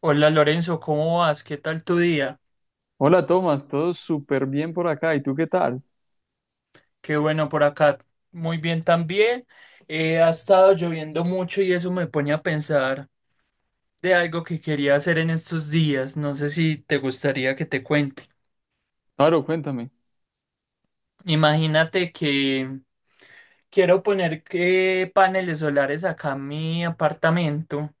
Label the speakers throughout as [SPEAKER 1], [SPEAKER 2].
[SPEAKER 1] Hola Lorenzo, ¿cómo vas? ¿Qué tal tu día?
[SPEAKER 2] Hola Tomás, todo súper bien por acá. ¿Y tú qué tal?
[SPEAKER 1] Qué bueno por acá. Muy bien también. Ha estado lloviendo mucho y eso me pone a pensar de algo que quería hacer en estos días. No sé si te gustaría que te cuente.
[SPEAKER 2] Claro, cuéntame.
[SPEAKER 1] Imagínate que quiero poner que paneles solares acá en mi apartamento,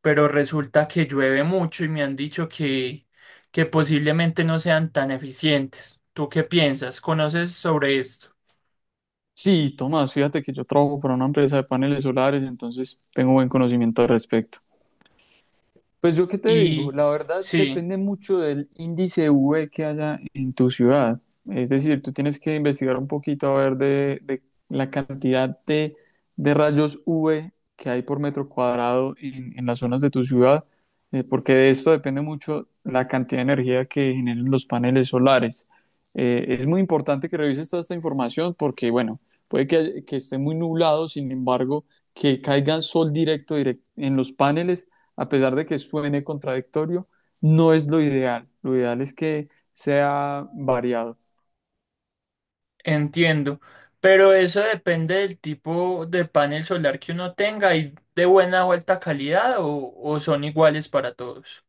[SPEAKER 1] pero resulta que llueve mucho y me han dicho que posiblemente no sean tan eficientes. ¿Tú qué piensas? ¿Conoces sobre esto?
[SPEAKER 2] Sí, Tomás, fíjate que yo trabajo para una empresa de paneles solares, entonces tengo buen conocimiento al respecto. Pues yo qué te digo,
[SPEAKER 1] Y
[SPEAKER 2] la verdad
[SPEAKER 1] sí,
[SPEAKER 2] depende mucho del índice V que haya en tu ciudad. Es decir, tú tienes que investigar un poquito a ver de la cantidad de rayos V que hay por metro cuadrado en las zonas de tu ciudad, porque de esto depende mucho la cantidad de energía que generen los paneles solares. Es muy importante que revises toda esta información porque, bueno, puede que esté muy nublado, sin embargo, que caiga sol directo en los paneles, a pesar de que suene contradictorio, no es lo ideal. Lo ideal es que sea variado.
[SPEAKER 1] entiendo, pero eso depende del tipo de panel solar que uno tenga y de buena o alta calidad o son iguales para todos.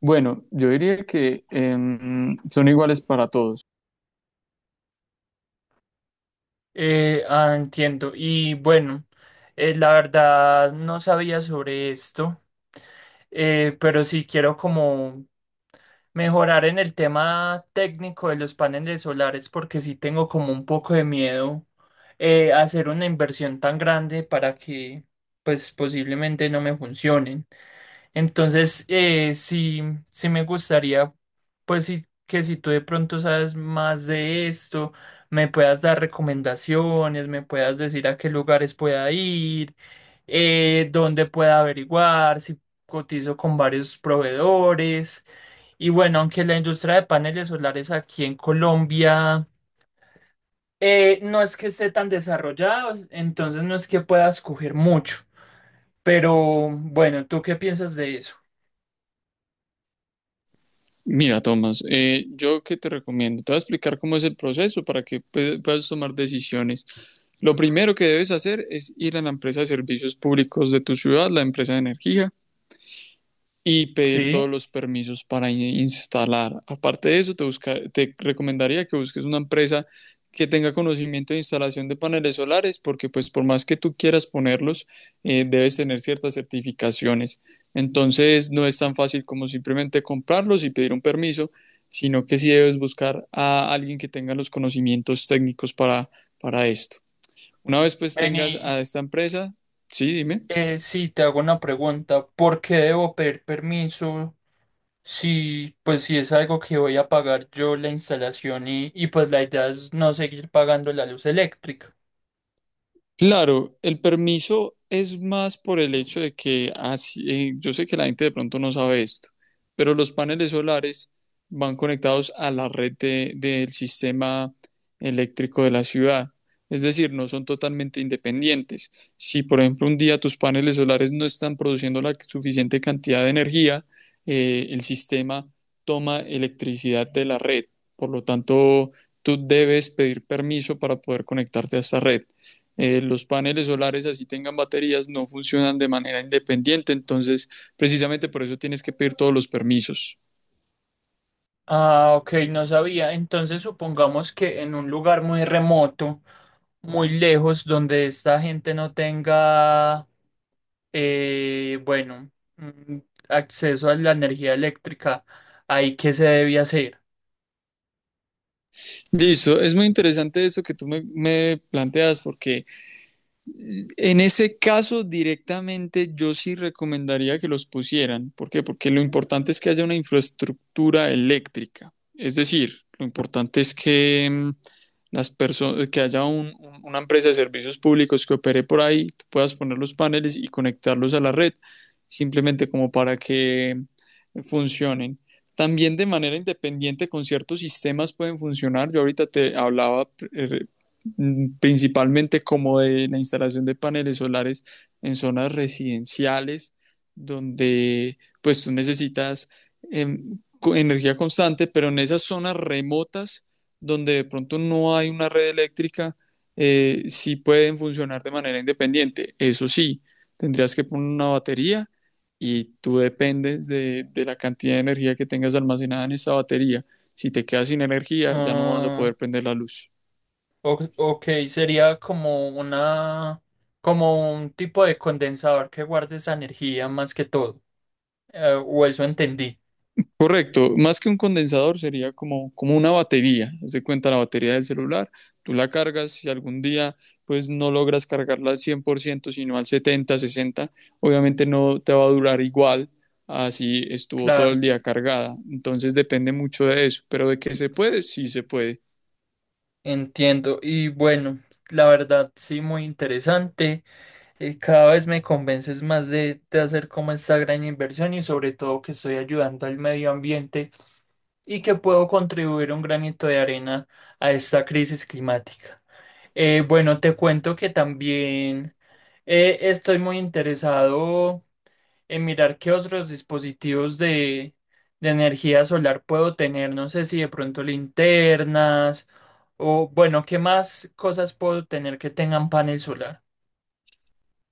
[SPEAKER 2] Bueno, yo diría que son iguales para todos.
[SPEAKER 1] Entiendo. Y bueno, la verdad no sabía sobre esto, pero sí quiero como mejorar en el tema técnico de los paneles solares porque sí tengo como un poco de miedo hacer una inversión tan grande para que pues posiblemente no me funcionen. Entonces, sí, sí me gustaría, pues sí, que si tú de pronto sabes más de esto, me puedas dar recomendaciones, me puedas decir a qué lugares pueda ir, dónde pueda averiguar, si cotizo con varios proveedores. Y bueno, aunque la industria de paneles solares aquí en Colombia no es que esté tan desarrollada, entonces no es que pueda escoger mucho. Pero bueno, ¿tú qué piensas de eso?
[SPEAKER 2] Mira, Tomás, yo qué te recomiendo. Te voy a explicar cómo es el proceso para que puedas tomar decisiones. Lo primero que debes hacer es ir a la empresa de servicios públicos de tu ciudad, la empresa de energía, y pedir todos
[SPEAKER 1] Sí.
[SPEAKER 2] los permisos para instalar. Aparte de eso, te recomendaría que busques una empresa que tenga conocimiento de instalación de paneles solares, porque pues por más que tú quieras ponerlos, debes tener ciertas certificaciones. Entonces, no es tan fácil como simplemente comprarlos y pedir un permiso, sino que sí debes buscar a alguien que tenga los conocimientos técnicos para esto. Una vez pues tengas
[SPEAKER 1] Vení,
[SPEAKER 2] a esta empresa, sí, dime.
[SPEAKER 1] sí, te hago una pregunta. ¿Por qué debo pedir permiso si, pues, si es algo que voy a pagar yo la instalación y pues la idea es no seguir pagando la luz eléctrica?
[SPEAKER 2] Claro, el permiso es más por el hecho de que así, yo sé que la gente de pronto no sabe esto, pero los paneles solares van conectados a la red del sistema eléctrico de la ciudad. Es decir, no son totalmente independientes. Si, por ejemplo, un día tus paneles solares no están produciendo la suficiente cantidad de energía, el sistema toma electricidad de la red. Por lo tanto, tú debes pedir permiso para poder conectarte a esta red. Los paneles solares, así tengan baterías, no funcionan de manera independiente. Entonces, precisamente por eso tienes que pedir todos los permisos.
[SPEAKER 1] Ah, ok, no sabía. Entonces supongamos que en un lugar muy remoto, muy lejos, donde esta gente no tenga, eh, bueno, mm, acceso a la energía eléctrica, ¿ahí qué se debe hacer?
[SPEAKER 2] Listo, es muy interesante eso que tú me planteas porque, en ese caso, directamente yo sí recomendaría que los pusieran. ¿Por qué? Porque lo importante es que haya una infraestructura eléctrica. Es decir, lo importante es que, mm, las personas, que haya una empresa de servicios públicos que opere por ahí, tú puedas poner los paneles y conectarlos a la red, simplemente como para que, mm, funcionen. También de manera independiente con ciertos sistemas pueden funcionar. Yo ahorita te hablaba, principalmente como de la instalación de paneles solares en zonas residenciales donde pues tú necesitas eh, energía constante, pero en esas zonas remotas donde de pronto no hay una red eléctrica, sí pueden funcionar de manera independiente. Eso sí, tendrías que poner una batería y tú dependes de la cantidad de energía que tengas almacenada en esa batería. Si te quedas sin energía, ya no vas a
[SPEAKER 1] Ah,
[SPEAKER 2] poder prender la luz.
[SPEAKER 1] Ok, sería como una, como un tipo de condensador que guarde esa energía más que todo. O eso entendí.
[SPEAKER 2] Correcto, más que un condensador sería como, como una batería. Haz de cuenta la batería del celular, tú la cargas, si algún día pues no logras cargarla al 100%, sino al 70, 60, obviamente no te va a durar igual así estuvo todo
[SPEAKER 1] Claro,
[SPEAKER 2] el día cargada. Entonces depende mucho de eso, pero de que se puede, sí se puede.
[SPEAKER 1] entiendo. Y bueno, la verdad, sí, muy interesante. Cada vez me convences más de hacer como esta gran inversión y sobre todo que estoy ayudando al medio ambiente y que puedo contribuir un granito de arena a esta crisis climática. Bueno, te cuento que también estoy muy interesado en mirar qué otros dispositivos de energía solar puedo tener. No sé si de pronto linternas o, bueno, qué más cosas puedo tener que tengan panel solar.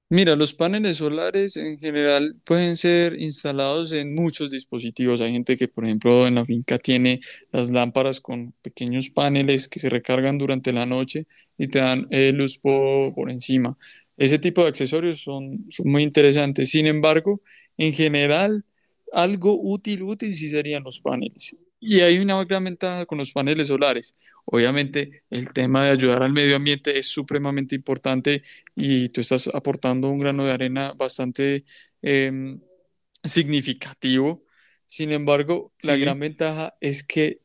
[SPEAKER 2] Mira, los paneles solares en general pueden ser instalados en muchos dispositivos. Hay gente que, por ejemplo, en la finca tiene las lámparas con pequeños paneles que se recargan durante la noche y te dan luz por encima. Ese tipo de accesorios son muy interesantes. Sin embargo, en general, algo útil sí serían los paneles. Y hay una gran ventaja con los paneles solares. Obviamente, el tema de ayudar al medio ambiente es supremamente importante y tú estás aportando un grano de arena bastante, em, significativo. Sin embargo, la
[SPEAKER 1] Sí.
[SPEAKER 2] gran ventaja es que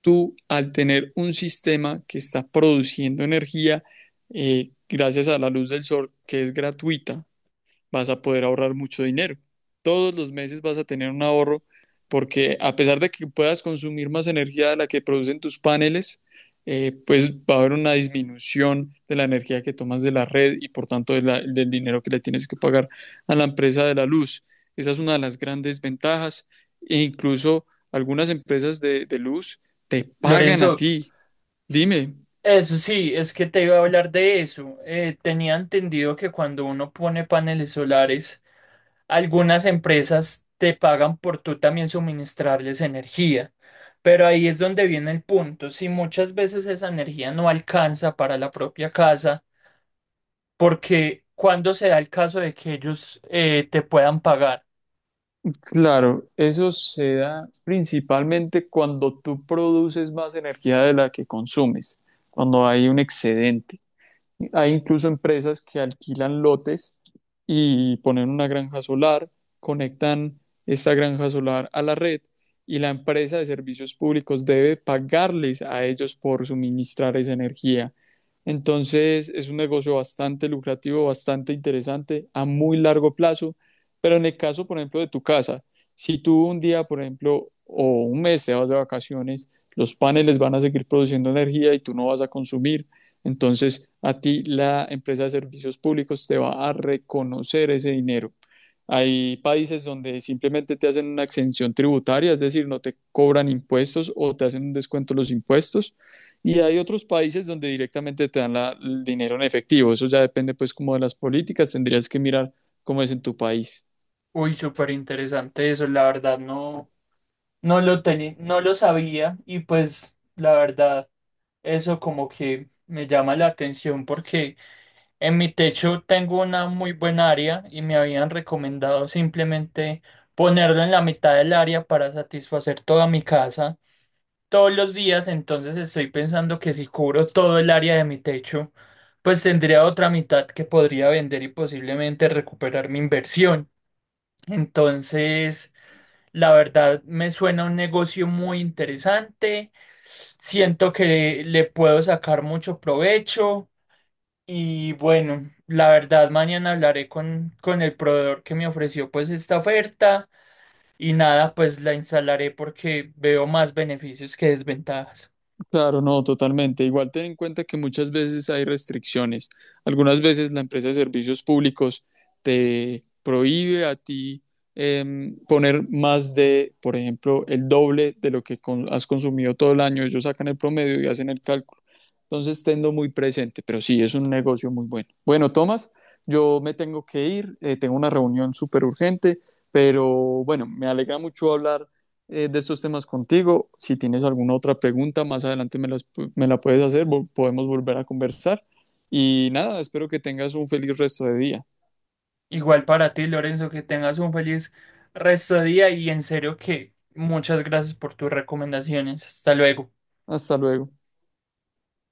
[SPEAKER 2] tú, al tener un sistema que está produciendo energía gracias a la luz del sol, que es gratuita, vas a poder ahorrar mucho dinero. Todos los meses vas a tener un ahorro porque, a pesar de que puedas consumir más energía de la que producen tus paneles, pues va a haber una disminución de la energía que tomas de la red y, por tanto, del dinero que le tienes que pagar a la empresa de la luz. Esa es una de las grandes ventajas, e incluso algunas empresas de luz te pagan a
[SPEAKER 1] Lorenzo,
[SPEAKER 2] ti. Dime.
[SPEAKER 1] eso sí, es que te iba a hablar de eso. Tenía entendido que cuando uno pone paneles solares, algunas empresas te pagan por tú también suministrarles energía, pero ahí es donde viene el punto. Si muchas veces esa energía no alcanza para la propia casa, ¿porque cuando se da el caso de que ellos te puedan pagar?
[SPEAKER 2] Claro, eso se da principalmente cuando tú produces más energía de la que consumes, cuando hay un excedente. Hay incluso empresas que alquilan lotes y ponen una granja solar, conectan esta granja solar a la red y la empresa de servicios públicos debe pagarles a ellos por suministrar esa energía. Entonces es un negocio bastante lucrativo, bastante interesante a muy largo plazo, pero en el caso, por ejemplo, de tu casa, si tú un día, por ejemplo, o un mes te vas de vacaciones, los paneles van a seguir produciendo energía y tú no vas a consumir. Entonces, a ti la empresa de servicios públicos te va a reconocer ese dinero. Hay países donde simplemente te hacen una exención tributaria, es decir, no te cobran impuestos o te hacen un descuento los impuestos. Y hay otros países donde directamente te dan el dinero en efectivo. Eso ya depende pues como de las políticas, tendrías que mirar cómo es en tu país.
[SPEAKER 1] Uy, súper interesante eso, la verdad no, no lo tenía, no lo sabía y pues la verdad eso como que me llama la atención porque en mi techo tengo una muy buena área y me habían recomendado simplemente ponerlo en la mitad del área para satisfacer toda mi casa todos los días, entonces estoy pensando que si cubro todo el área de mi techo, pues tendría otra mitad que podría vender y posiblemente recuperar mi inversión. Entonces, la verdad me suena un negocio muy interesante, siento que le puedo sacar mucho provecho. Y bueno, la verdad, mañana hablaré con el proveedor que me ofreció pues esta oferta y nada, pues la instalaré porque veo más beneficios que desventajas.
[SPEAKER 2] Claro, no, totalmente. Igual ten en cuenta que muchas veces hay restricciones. Algunas veces la empresa de servicios públicos te prohíbe a ti, poner más de, por ejemplo, el doble de lo que has consumido todo el año. Ellos sacan el promedio y hacen el cálculo. Entonces, tenlo muy presente, pero sí, es un negocio muy bueno. Bueno, Tomás, yo me tengo que ir, tengo una reunión súper urgente, pero bueno, me alegra mucho hablar de estos temas contigo. Si tienes alguna otra pregunta, más adelante me la puedes hacer, podemos volver a conversar. Y nada, espero que tengas un feliz resto de día.
[SPEAKER 1] Igual para ti, Lorenzo, que tengas un feliz resto de día y en serio que muchas gracias por tus recomendaciones. Hasta luego.
[SPEAKER 2] Hasta luego.